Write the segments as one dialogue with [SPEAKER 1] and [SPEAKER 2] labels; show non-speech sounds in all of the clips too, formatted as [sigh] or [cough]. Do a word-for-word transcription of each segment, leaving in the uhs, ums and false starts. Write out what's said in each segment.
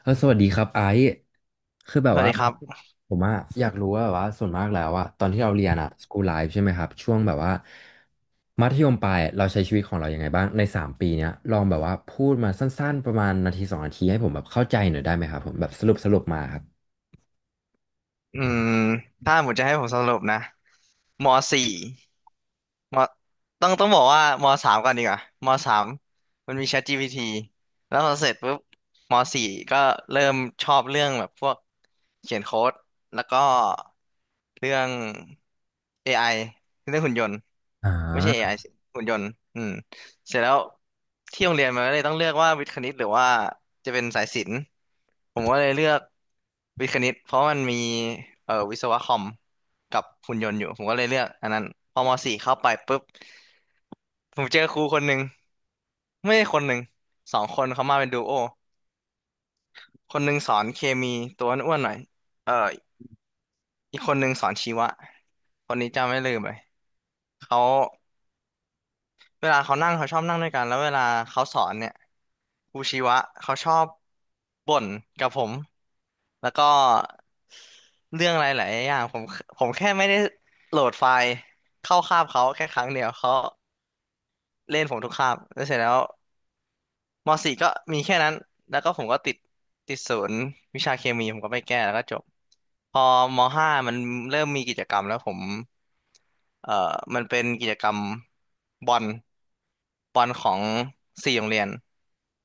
[SPEAKER 1] เออสวัสดีครับไอซ์คือแบ
[SPEAKER 2] ส
[SPEAKER 1] บ
[SPEAKER 2] วัส
[SPEAKER 1] ว่า
[SPEAKER 2] ดีครับ
[SPEAKER 1] ผมอะอยากรู้ว่าแบบว่าส่วนมากแล้วอะตอนที่เราเรียนอะสกูลไลฟ์ใช่ไหมครับช่วงแบบว่ามัธยมปลายเราใช้ชีวิตของเรายังไงบ้างในสามปีเนี้ยลองแบบว่าพูดมาสั้นๆประมาณนาทีสองนาทีให้ผมแบบเข้าใจหน่อยได้ไหมครับผมแบบสรุปสรุปมาครับ
[SPEAKER 2] อืมถ้าหมดจะให้ผมสรุปนะมสี่ มต้องต้องบอกว่ามสามก่อนดีกว่ามสามมันมี ChatGPT แล้วพอเสร็จปุ๊บมสี่ก็เริ่มชอบเรื่องแบบพวกเขียนโค้ดแล้วก็เรื่อง เอ ไอ เรื่องหุ่นยนต์
[SPEAKER 1] อ่
[SPEAKER 2] ไม่ใช่
[SPEAKER 1] า
[SPEAKER 2] เอ ไอ สิหุ่นยนต์อืมเสร็จแล้วที่โรงเรียนมันก็เลยต้องเลือกว่าวิทย์คณิตหรือว่าจะเป็นสายศิลป์ผมก็เลยเลือกวิทย์คณิตเพราะมันมีเอ่อวิศวะคอม กับหุ่นยนต์อยู่ผมก็เลยเลือกอันนั้นพอมสี่เข้าไปปุ๊บผมเจอครูคนหนึ่งไม่ใช่คนหนึ่งสองคนเขามาเป็นดูโอคนหนึ่งสอนเคมีตัวอ้วนๆหน่อยเอ่ออีกคนหนึ่งสอนชีวะคนนี้จำไม่ลืมเลยเขาเวลาเขานั่งเขาชอบนั่งด้วยกันแล้วเวลาเขาสอนเนี่ยครูชีวะเขาชอบบ่นกับผมแล้วก็เรื่องอะไรหลายๆอย่างผมผมแค่ไม่ได้โหลดไฟล์เข้าคาบเขาแค่ครั้งเดียวเขา เล่นผมทุกคาบแล้วเสร็จแล้วมสี่ก็มีแค่นั้นแล้วก็ผมก็ติดติดศูนย์วิชาเคมีผมก็ไปแก้แล้วก็จบพอมห้ามันเริ่มมีกิจกรรมแล้วผมเอ่อมันเป็นกิจกรรมบอลบอลของสี่โรงเรียน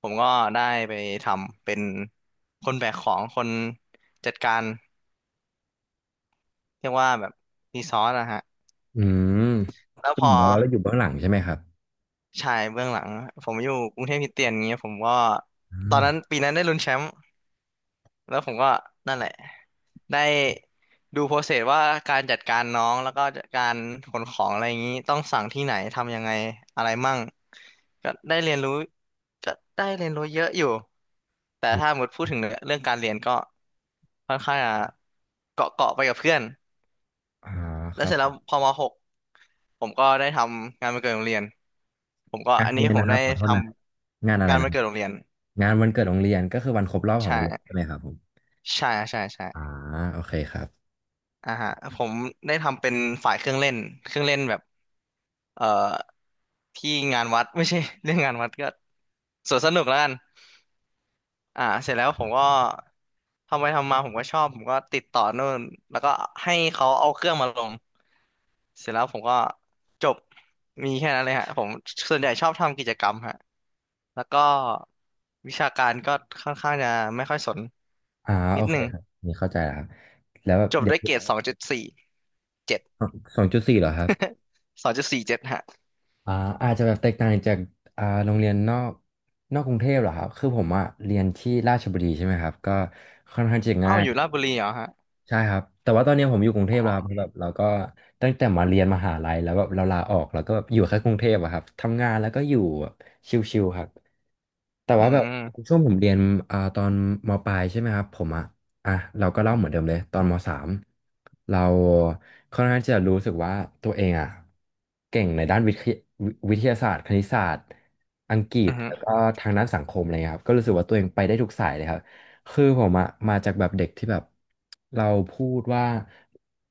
[SPEAKER 2] ผมก็ได้ไปทำเป็นคนแบกของคนจัดการเรียกว่าแบบรีซอสนะฮะ
[SPEAKER 1] อืมก็
[SPEAKER 2] แล้ว
[SPEAKER 1] เห
[SPEAKER 2] พ
[SPEAKER 1] มื
[SPEAKER 2] อ
[SPEAKER 1] อนกับว่าเราอยู่เบื้องหลังใช่ไหมครับ
[SPEAKER 2] ชายเบื้องหลังผมอยู่กรุงเทพคริสเตียนอย่างเงี้ยผมก็
[SPEAKER 1] อื
[SPEAKER 2] ตอน
[SPEAKER 1] ม
[SPEAKER 2] นั้นปีนั้นได้ลุ้นแชมป์ แล้วผมก็นั่นแหละได้ดูโปรเซสว่าการจัดการน้องแล้วก็การขนของอะไรอย่างนี้ต้องสั่งที่ไหนทำยังไงอะไรมั่งก็ได้เรียนรู้ก็ได้เรียนรู้เยอะอยู่แต่
[SPEAKER 1] อืม
[SPEAKER 2] ถ้าหมดพูดถึงเรื่องการเรียนก็ค่อนข้างจะเกาะเกาะไปกับเพื่อน
[SPEAKER 1] อ่าค
[SPEAKER 2] แล้ว
[SPEAKER 1] รับ
[SPEAKER 2] เสร็จ
[SPEAKER 1] ผ
[SPEAKER 2] แล้ว
[SPEAKER 1] ม
[SPEAKER 2] พอมหกผมก็ได้ทำงานวันเกิดโรงเรียนผมก็
[SPEAKER 1] งาน
[SPEAKER 2] อัน
[SPEAKER 1] อะ
[SPEAKER 2] นี้
[SPEAKER 1] ไร
[SPEAKER 2] ผม
[SPEAKER 1] นะค
[SPEAKER 2] ได้
[SPEAKER 1] รับขอโท
[SPEAKER 2] ท
[SPEAKER 1] ษนะครับงาน
[SPEAKER 2] ำ
[SPEAKER 1] อะไร
[SPEAKER 2] งาน
[SPEAKER 1] นะ
[SPEAKER 2] วัน
[SPEAKER 1] ครับ
[SPEAKER 2] เกิดโรงเรียน
[SPEAKER 1] งานวันเกิดโรงเรียนก็คือวันครบรอบของ
[SPEAKER 2] ใช่
[SPEAKER 1] โรงเรียนใช่ไหมครับผม
[SPEAKER 2] ใช่ใช่ใช่
[SPEAKER 1] อ่าโอเคครับ
[SPEAKER 2] อ่าฮะผมได้ทำเป็นฝ่ายเครื่องเล่นเครื่องเล่นแบบเอ่อที่งานวัด [laughs] ไม่ใช่ [laughs] เรื่องงานวัดก็สวนสนุกแล้วกันอ่าเสร็จแล้วผมก็ทำไปทำมาผมก็ชอบผมก็ติดต่อนู่นแล้วก็ให้เขาเอาเครื่องมาลงเสร็จแล้วผมก็จบมีแค่นั้นเลยฮะผมส่วนใหญ่ชอบทำกิจกรรมฮะแล้วก็วิชาการก็ค่อนข้างจะไม่ค่อยสน
[SPEAKER 1] อ่า
[SPEAKER 2] นิ
[SPEAKER 1] โอ
[SPEAKER 2] ดห
[SPEAKER 1] เค
[SPEAKER 2] นึ่ง
[SPEAKER 1] ครับนี่เข้าใจแล้วครับแล้วแบบ
[SPEAKER 2] จบ
[SPEAKER 1] เด็ก
[SPEAKER 2] ด้วยเกรดสองจุดสี่เจ็ด
[SPEAKER 1] สองจุดสี่เหรอครับ
[SPEAKER 2] สองจุดสี่เจ็ดฮะ
[SPEAKER 1] อ่าอาจจะแบบแตกต่างจากอ่าโรงเรียนนอกนอกกรุงเทพเหรอครับคือผมอะเรียนที่ราชบุรีใช่ไหมครับก็ค่อนข้างจะ
[SPEAKER 2] อ้า
[SPEAKER 1] ง่า
[SPEAKER 2] ว
[SPEAKER 1] ย
[SPEAKER 2] อยู่ราชบุรีเหรอฮะ
[SPEAKER 1] ใช่ครับแต่ว่าตอนนี้ผมอยู่กรุงเทพแล้วครับแบบเราก็ตั้งแต่มาเรียนมหาลัยแล้วแบบเราลาออกแล้วก็แบบอยู่แค่กรุงเทพอะครับทำงานแล้วก็อยู่แบบชิลๆครับ แต่
[SPEAKER 2] อื
[SPEAKER 1] ว่าแบบ
[SPEAKER 2] ม
[SPEAKER 1] ช่วงผมเรียนอ่าตอนมปลายใช่ไหมครับผมอ่ะอ่ะเราก็เล่าเหมือนเดิมเลยตอนมสามเราค่อนข้างที่จะรู้สึกว่าตัวเองอ่ะเก่งในด้านวิทยวิทยาศาสตร์คณิตศาสตร์อังกฤ
[SPEAKER 2] อื
[SPEAKER 1] ษ
[SPEAKER 2] ม
[SPEAKER 1] แล้วก็ทางด้านสังคมอะไรเงี้ยครับก็รู้สึกว่าตัวเองไปได้ทุกสายเลยครับคือผมอะมาจากแบบเด็กที่แบบเราพูดว่า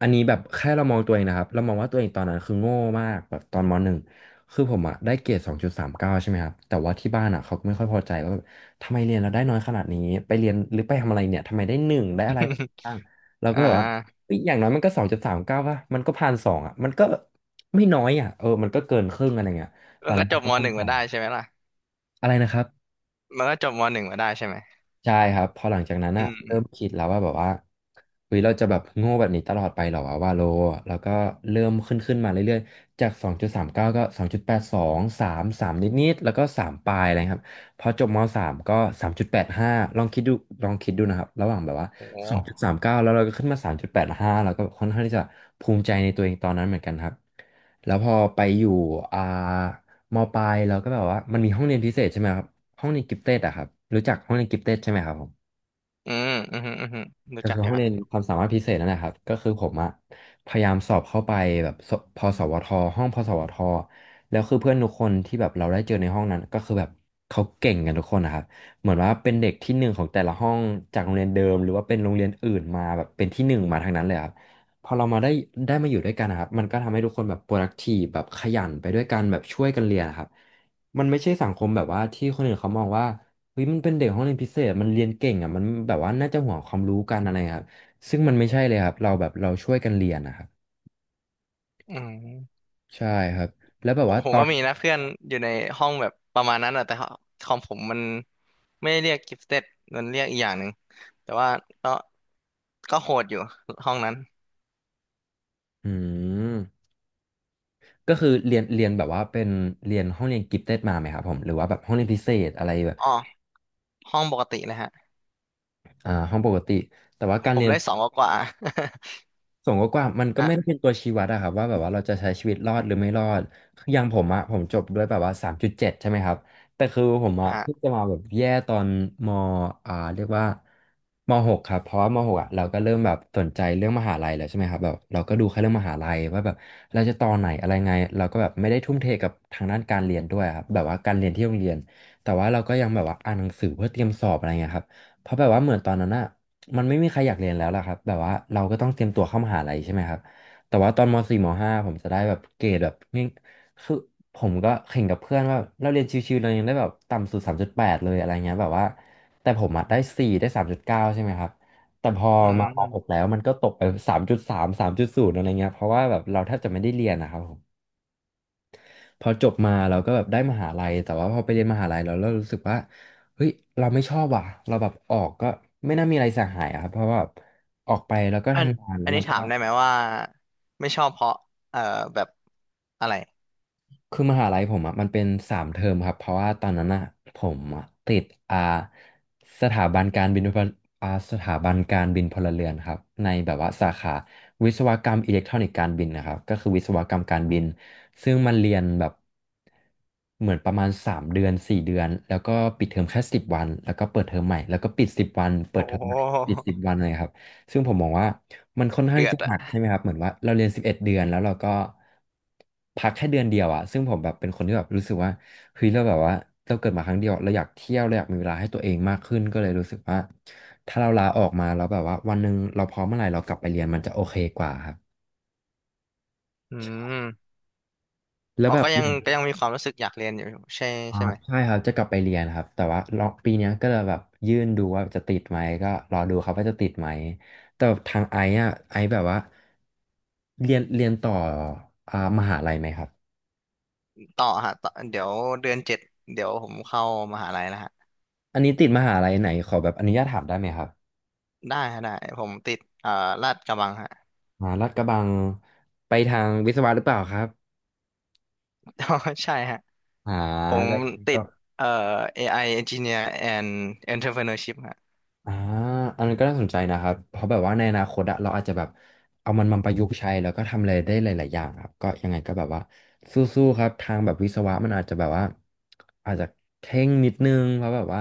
[SPEAKER 1] อันนี้แบบแค่เรามองตัวเองนะครับเรามองว่าตัวเองตอนนั้นคือโง่มากแบบตอนมหนึ่ง คือผมอะได้เกรดสองจุดสามเก้าใช่ไหมครับแต่ว่าที่บ้านอะเขาไม่ค่อยพอใจว่าแบบทำไมเรียนเราได้น้อยขนาดนี้ไปเรียนหรือไปทำอะไรเนี่ยทำไมได้หนึ่งได้อะไร
[SPEAKER 2] [laughs]
[SPEAKER 1] บ้างเราก็
[SPEAKER 2] อ่า
[SPEAKER 1] แบบว่าเฮ้ยอย่างน้อยมันก็สองจุดสามเก้าป่ะมันก็ผ่านสองอะมันก็ไม่น้อยอะเออมันก็เกินครึ่งอะไรเงี้ยตอ
[SPEAKER 2] มัน
[SPEAKER 1] น
[SPEAKER 2] ก็
[SPEAKER 1] นั้น
[SPEAKER 2] จ
[SPEAKER 1] เรา
[SPEAKER 2] บ
[SPEAKER 1] ก็
[SPEAKER 2] ม
[SPEAKER 1] มั่
[SPEAKER 2] ห
[SPEAKER 1] น
[SPEAKER 2] นึ่ง
[SPEAKER 1] ใจ
[SPEAKER 2] มาได้ใช่ไหมล่ะ
[SPEAKER 1] อะไรนะครับ
[SPEAKER 2] มันก็จบมหนึ่งมาได้ใช่ไหม
[SPEAKER 1] ใช่ครับพอหลังจากนั้น
[SPEAKER 2] อื
[SPEAKER 1] อะ
[SPEAKER 2] มอื
[SPEAKER 1] เริ่
[SPEAKER 2] ม
[SPEAKER 1] มคิดแล้วว่าแบบว่าเฮ้ยเราจะแบบโง่แบบนี้ตลอดไปเหรอวะว่าโลแล้วก็เริ่มขึ้นขึ้นมาเรื่อยๆจากสองจุดสามเก้ากาก็สองจุดแปดสองสาแปด สองามนิดๆแล้วก็สามปลายอะไรครับพอจบมสา .สาม ก็สามจุดแปดห้าลองคิดดูลองคิดดูนะครับระหว่างแบบว่า
[SPEAKER 2] โ
[SPEAKER 1] สองจุดสา
[SPEAKER 2] ห
[SPEAKER 1] มเกสาม เก้าแล้วเราก็ขึ้นมาสามจุดแปดห้าแปดห้าแล้วก็ค่อนข้างที่จะภูมิใจในตัวเองตอนนั้นเหมือนกันครับแล้วพอไปอยู่อ่า มปลายเราก็แบบว่ามันมีห้องเรียนพิเศษใช่ไหมครับห้องเรียนกิฟเต็ดอะครับรู้จักห้องเรียนกิฟเต็ดใช่ไหมครับผม
[SPEAKER 2] อืมอืมอหืมออืมรู้
[SPEAKER 1] ก็
[SPEAKER 2] จัก
[SPEAKER 1] คือ
[SPEAKER 2] อยู่
[SPEAKER 1] ห้อง
[SPEAKER 2] ฮะ
[SPEAKER 1] เรียนความสามารถพิเศษนั่นแหละครับก็คือผมอะพยายามสอบเข้าไปแบบสพสวทห้องพสวทแล้วคือเพื่อนทุกคนที่แบบเราได้เจอในห้องนั้นก็คือแบบเขาเก่งกันทุกคนนะครับเหมือนว่าเป็นเด็กที่หนึ่งของแต่ละห้องจากโรงเรียนเดิมหรือว่าเป็นโรงเรียนอื่นมาแบบเป็นที่หนึ่งมาทางนั้นเลยครับพอเรามาได้ได้มาอยู่ด้วยกันนะครับมันก็ทำให้ทุกคนแบบ productive แบบขยันไปด้วยกันแบบช่วยกันเรียนนะครับมันไม่ใช่สังคมแบบว่าที่คนอื่นเขามองว่า เฮ้ยมันเป็นเด็กห้องเรียนพิเศษมันเรียนเก่งอ่ะมันแบบว่าน่าจะห่วงความรู้กันอะไรครับซึ่งมันไม่ใช่เลยครับเราแบบเราช่วยกันเรียนนะครับ
[SPEAKER 2] อืม
[SPEAKER 1] ใช่ครับแล้วแบบ
[SPEAKER 2] ผม
[SPEAKER 1] ว่า
[SPEAKER 2] ผ
[SPEAKER 1] ต
[SPEAKER 2] ม
[SPEAKER 1] อ
[SPEAKER 2] ก็
[SPEAKER 1] น
[SPEAKER 2] มีนะเพื่อนอยู่ในห้องแบบประมาณนั้นอะแต่คอมผมมันไม่ได้เรียกกิฟเต็ดมันเรียกอีกอย่างหนึ่งแต่ว่าก็ก็โหดอยู่ห้องนั้น
[SPEAKER 1] อืมก็คือเรียนเรียนแบบว่าเป็นเรียนห้องเรียนกิฟเต็ดมาไหมครับผมหรือว่าแบบห้องเรียนพิเศษอะไรแบบ
[SPEAKER 2] อ๋อห้องปกติเลยฮะ
[SPEAKER 1] อ่าห้องปกติแต่ว่าการ
[SPEAKER 2] ผ
[SPEAKER 1] เรี
[SPEAKER 2] ม
[SPEAKER 1] ยน
[SPEAKER 2] ได้สองกว่า
[SPEAKER 1] ส่วนกว้างๆมัน
[SPEAKER 2] ๆ [laughs]
[SPEAKER 1] ก็ไม่ได้
[SPEAKER 2] อ่ะ
[SPEAKER 1] เป็นตัวชี้วัดอะครับว่าแบบว่าเราจะใช้ชีวิตรอดหรือไม่รอดคืออย่างผมอะผมจบด้วยแบบว่าสามจุดเจ็ดใช่ไหมครับแต่คือผมอะเพิ่ง
[SPEAKER 2] อ่ะ
[SPEAKER 1] จะมาแบบแย่ตอนมอ่าเรียกว่ามหกครับเพราะว่ามหกอะเราก็เริ่มแบบสนใจเรื่องมหาลัยแล้วใช่ไหมครับแบบเราก็ดูแค่เรื่องมหาลัยว่าแบบเราจะต่อไหนอะไรไงเราก็แบบไม่ได้ทุ่มเทกับทางด้านการเรียนด้วยครับแบบว่าการเรียนที่โรงเรียนแต่ว่าเราก็ยังแบบว่าอ่านหนังสือเพื่อเตรียมสอบอะไรเงี้ยครับเพราะแบบว่าเหมือนตอนนั้นอะ มันไม่มีใครอยากเรียนแล้วล่ะครับแบบว่าเราก็ต้องเตรียมตัวเข้ามหาลัยใช่ไหมครับแต่ว่าตอนมสี่ม .ห้า ผมจะได้แบบเกรดแบบง่ายคือผมก็แข่งกับเพื่อนว่าเราเรียนชิวๆเรายังได้แบบต่ำสุดสามจุดแปดเลยอะไรเงี้ยแบบว่าแต่ผมอะได้สี่ได้สามจุดเก้าใช่ไหมครับแต่พอ
[SPEAKER 2] อื
[SPEAKER 1] มามหกแล้
[SPEAKER 2] ม
[SPEAKER 1] วมันก็ตกไปสามจุดสาม สามจุดศูนย์อะไรเงี้ยเพราะว่าแบบเราแทบจะไม่ได้เรียนนะครับผม พอจบมาเราก็แบบได้มหาลัยแต่ว่าพอไปเรียนมหาลัยแล้วเรารู้สึกว่าเฮ้ยเราไม่ชอบว่ะเราแบบออกก็ไม่น่ามีอะไรเสียหายอะครับเพราะว่าออกไปแล้วก็
[SPEAKER 2] อัน
[SPEAKER 1] ทำงานแล้
[SPEAKER 2] อั
[SPEAKER 1] ว
[SPEAKER 2] น
[SPEAKER 1] เรา
[SPEAKER 2] นี้
[SPEAKER 1] ก็
[SPEAKER 2] ถามได้ไหมว่าไม่ชอบเพราะเอ่อแบบอะไร
[SPEAKER 1] คือมหาลัยผมอ่ะมันเป็นสามเทอมครับเพราะว่าตอนนั้นอ่ะผมอะติดอ่าสถาบันการบินพลอ่าสถาบันการบินพลเรือนครับในแบบว่าสาขาวิศวกรรมอิเล็กทรอนิกส์การบินนะครับก็คือวิศวกรรมการบินซึ่งมันเรียนแบบเหมือนประมาณสามเดือนสี่เดือนแล้วก็ปิดเทอมแค่สิบวันแล้วก็เปิดเทอมใหม่แล้วก็ปิดสิบวันเปิ
[SPEAKER 2] โอ้
[SPEAKER 1] ดเทอม
[SPEAKER 2] โ
[SPEAKER 1] ใหม่ปิดสิ
[SPEAKER 2] ห
[SPEAKER 1] บวันเลยครับ ซึ่งผมมองว่ามันค่อนข้าง
[SPEAKER 2] เดื
[SPEAKER 1] ที่
[SPEAKER 2] อด
[SPEAKER 1] จะห
[SPEAKER 2] อ่ะ
[SPEAKER 1] นักใช่ไหมครับเหมือนว่าเราเรียนสิบเอ็ดเดือนแล้วเราก็พักแค่เดือนเดียวอะซึ่งผมแบบเป็นคนที่แบบรู้สึกว่าเฮ้ยเราแบบว่าเราเกิดมาครั้งเดียวเราอยากเที่ยวเราอยากมีเวลาให้ตัวเองมากขึ้นก็เลยรู้สึกว่าถ้าเราลาออกมาแล้วแบบว่าวันหนึ่งเราพร้อมเมื่อไหร่เรากลับไปเรียนมันจะโอเคกว่าครับ
[SPEAKER 2] อืม
[SPEAKER 1] แล้ว
[SPEAKER 2] เรา
[SPEAKER 1] แบบ
[SPEAKER 2] ก็ยังก็ยังมีความรู้สึกอยากเรียนอยู่ใช่
[SPEAKER 1] อ่า
[SPEAKER 2] ใช่ไหม
[SPEAKER 1] ใช่ครับจะกลับไปเรียนครับแต่ว่าลองปีเนี้ยก็เลยแบบยื่นดูว่าจะติดไหมก็รอดูครับว่าจะติดไหมแต่ทางไอ้อะไอ้แบบว่าเรียนเรียนต่ออ่ามหาลัยไหมครับ
[SPEAKER 2] ต่อฮะต่อเดี๋ยวเดือนเจ็ดเดี๋ยวผมเข้ามหาลัยแล้วฮะ
[SPEAKER 1] อันนี้ติดมหาลัยไหนขอแบบอนุญาตถามได้ไหมครับ
[SPEAKER 2] ได้ฮะได้ผมติดเอ่อลาดกระบังฮะ
[SPEAKER 1] อ่าลาดกระบังไปทางวิศวะหรือเปล่าครับ
[SPEAKER 2] [laughs] ใช่ฮะ
[SPEAKER 1] อ่า
[SPEAKER 2] ผม
[SPEAKER 1] ก็ยัง
[SPEAKER 2] ติ
[SPEAKER 1] ก็
[SPEAKER 2] ดเอ่อ เอ ไอ Engineer and Entrepreneurship ฮะ
[SPEAKER 1] อ่าอันนั้นก็น่าสนใจนะครับเพราะแบบว่าในอนาคตอะเราอาจจะแบบเอามันมาประยุกต์ใช้แล้วก็ทำอะไรได้หลายๆอย่างครับก็ยังไงก็แบบว่าสู้ๆครับทางแบบวิศวะมันอาจจะแบบว่าอาจจะเข่งนิดนึงเพราะแบบว่า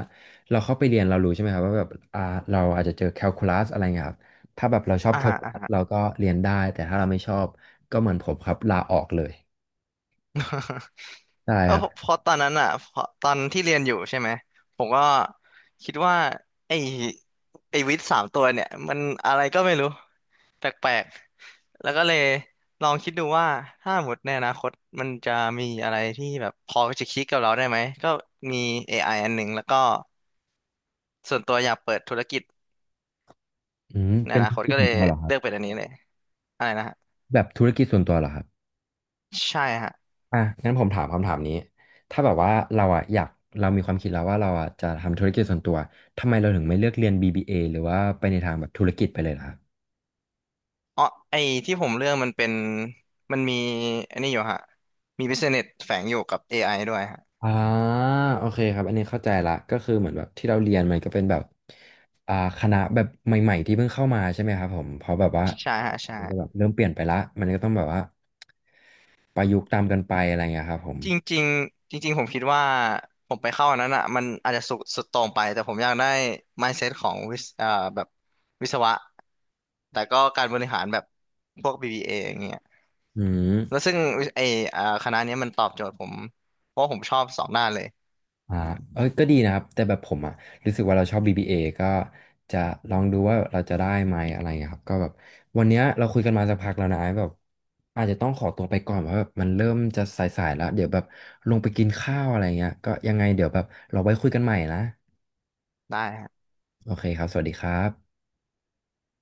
[SPEAKER 1] เราเข้าไปเรียนเรารู้ใช่ไหมครับว่าแบบอ่าเราอาจจะเจอแคลคูลัสอะไรเงี้ยครับถ้าแบบเราชอบ
[SPEAKER 2] อ่า
[SPEAKER 1] แคล
[SPEAKER 2] ฮะ
[SPEAKER 1] คูลัสเราก็เรียนได้แต่ถ้าเราไม่ชอบก็เหมือนผมครับลาออกเลยได้
[SPEAKER 2] เออ
[SPEAKER 1] ครั
[SPEAKER 2] เพ
[SPEAKER 1] บ
[SPEAKER 2] ราะตอนนั้นอ่ะเพราะตอนที่เรียนอยู่ใช่ไหมผมก็คิดว่าไอ้ไอ้วิทย์สามตัวเนี่ยมันอะไรก็ไม่รู้แปลกๆแล้วก็เลยลองคิดดูว่าถ้าหมดในอนาคตมันจะมีอะไรที่แบบพอจะคิดกับเราได้ไหมก็มี เอ ไอ อไออันหนึ่งแล้วก็ส่วนตัวอยากเปิดธุรกิจ
[SPEAKER 1] อืม
[SPEAKER 2] ใน
[SPEAKER 1] เป็
[SPEAKER 2] อ
[SPEAKER 1] น
[SPEAKER 2] นา
[SPEAKER 1] ธุ
[SPEAKER 2] ค
[SPEAKER 1] ร
[SPEAKER 2] ต
[SPEAKER 1] กิจ
[SPEAKER 2] ก็เล
[SPEAKER 1] ส่วน
[SPEAKER 2] ย
[SPEAKER 1] ตัวเหรอครั
[SPEAKER 2] เลื
[SPEAKER 1] บ
[SPEAKER 2] อกเป็นอันนี้เลยอะไรนะฮะ
[SPEAKER 1] แบบธุรกิจส่วนตัวเหรอครับ
[SPEAKER 2] ใช่ฮะ
[SPEAKER 1] อ่ะงั้นผมถามคำถามนี้ ถ้าแบบว่าเราอ่ะอยากเรามีความคิดแล้วว่าเราอ่ะจะทำธุรกิจส่วนตัว ทำไมเราถึงไม่เลือกเรียน บี บี เอ หรือว่าไปในทางแบบธุรกิจไปเลยล่ะครับ
[SPEAKER 2] อ๋อไอที่ผมเลือกมันเป็นมันมีอันนี้อยู่ฮะมี business แฝงอยู่กับ เอ ไอ ด้วยฮะ
[SPEAKER 1] อ่าโอเคครับ อันนี้เข้าใจละก็คือเหมือนแบบที่เราเรียนมันก็เป็นแบบอ่าคณะแบบใหม่ๆที่เพิ่งเข้ามาใช่ไหมครับผมเพราะแบบว่า
[SPEAKER 2] ใช่ฮะ
[SPEAKER 1] มันก็แบ
[SPEAKER 2] ใช่
[SPEAKER 1] บเริ่มเปลี่ยนไปละมันก็ต้องแบบว่าประยุกต์ตามกันไปอะไรเงี้ยครับผม
[SPEAKER 2] จริงๆจริงๆผมคิดว่าผมไปเข้าอันนั้นอ่ะมันอาจจะสุดสุดโต่งไปแต่ผมอยากได้ mindset ของวิศเอ่อแบบวิศวะแต่ก็การบริหารแบบพวก บี บี เอ ออย่างเงี้ย
[SPEAKER 1] อื
[SPEAKER 2] แล้ว
[SPEAKER 1] ม
[SPEAKER 2] ซึ่งไอเอ่อคณะเนี้ยมันตอบโจทย์ผมเพราะว่าผมชอบสองด้านเลย
[SPEAKER 1] อ่าเออก็ดีนะครับ แต่แบบผมอ่ะรู้สึกว่าเราชอบ บี บี เอ ก็จะลองดูว่าเราจะได้ไหมอะไรเงี้ยครับก็แบบวันเนี้ยเราคุยกันมาสักพักแล้วนะแบบอาจจะต้องขอตัวไปก่อนเพราะแบบมันเริ่มจะสายๆแล้ว เดี๋ยวแบบลงไปกินข้าวอะไรเงี้ยก็ยังไงเดี๋ยวแบบเราไว้คุยกันใหม่นะ
[SPEAKER 2] ได้
[SPEAKER 1] โอเคครับสวัสดีครับ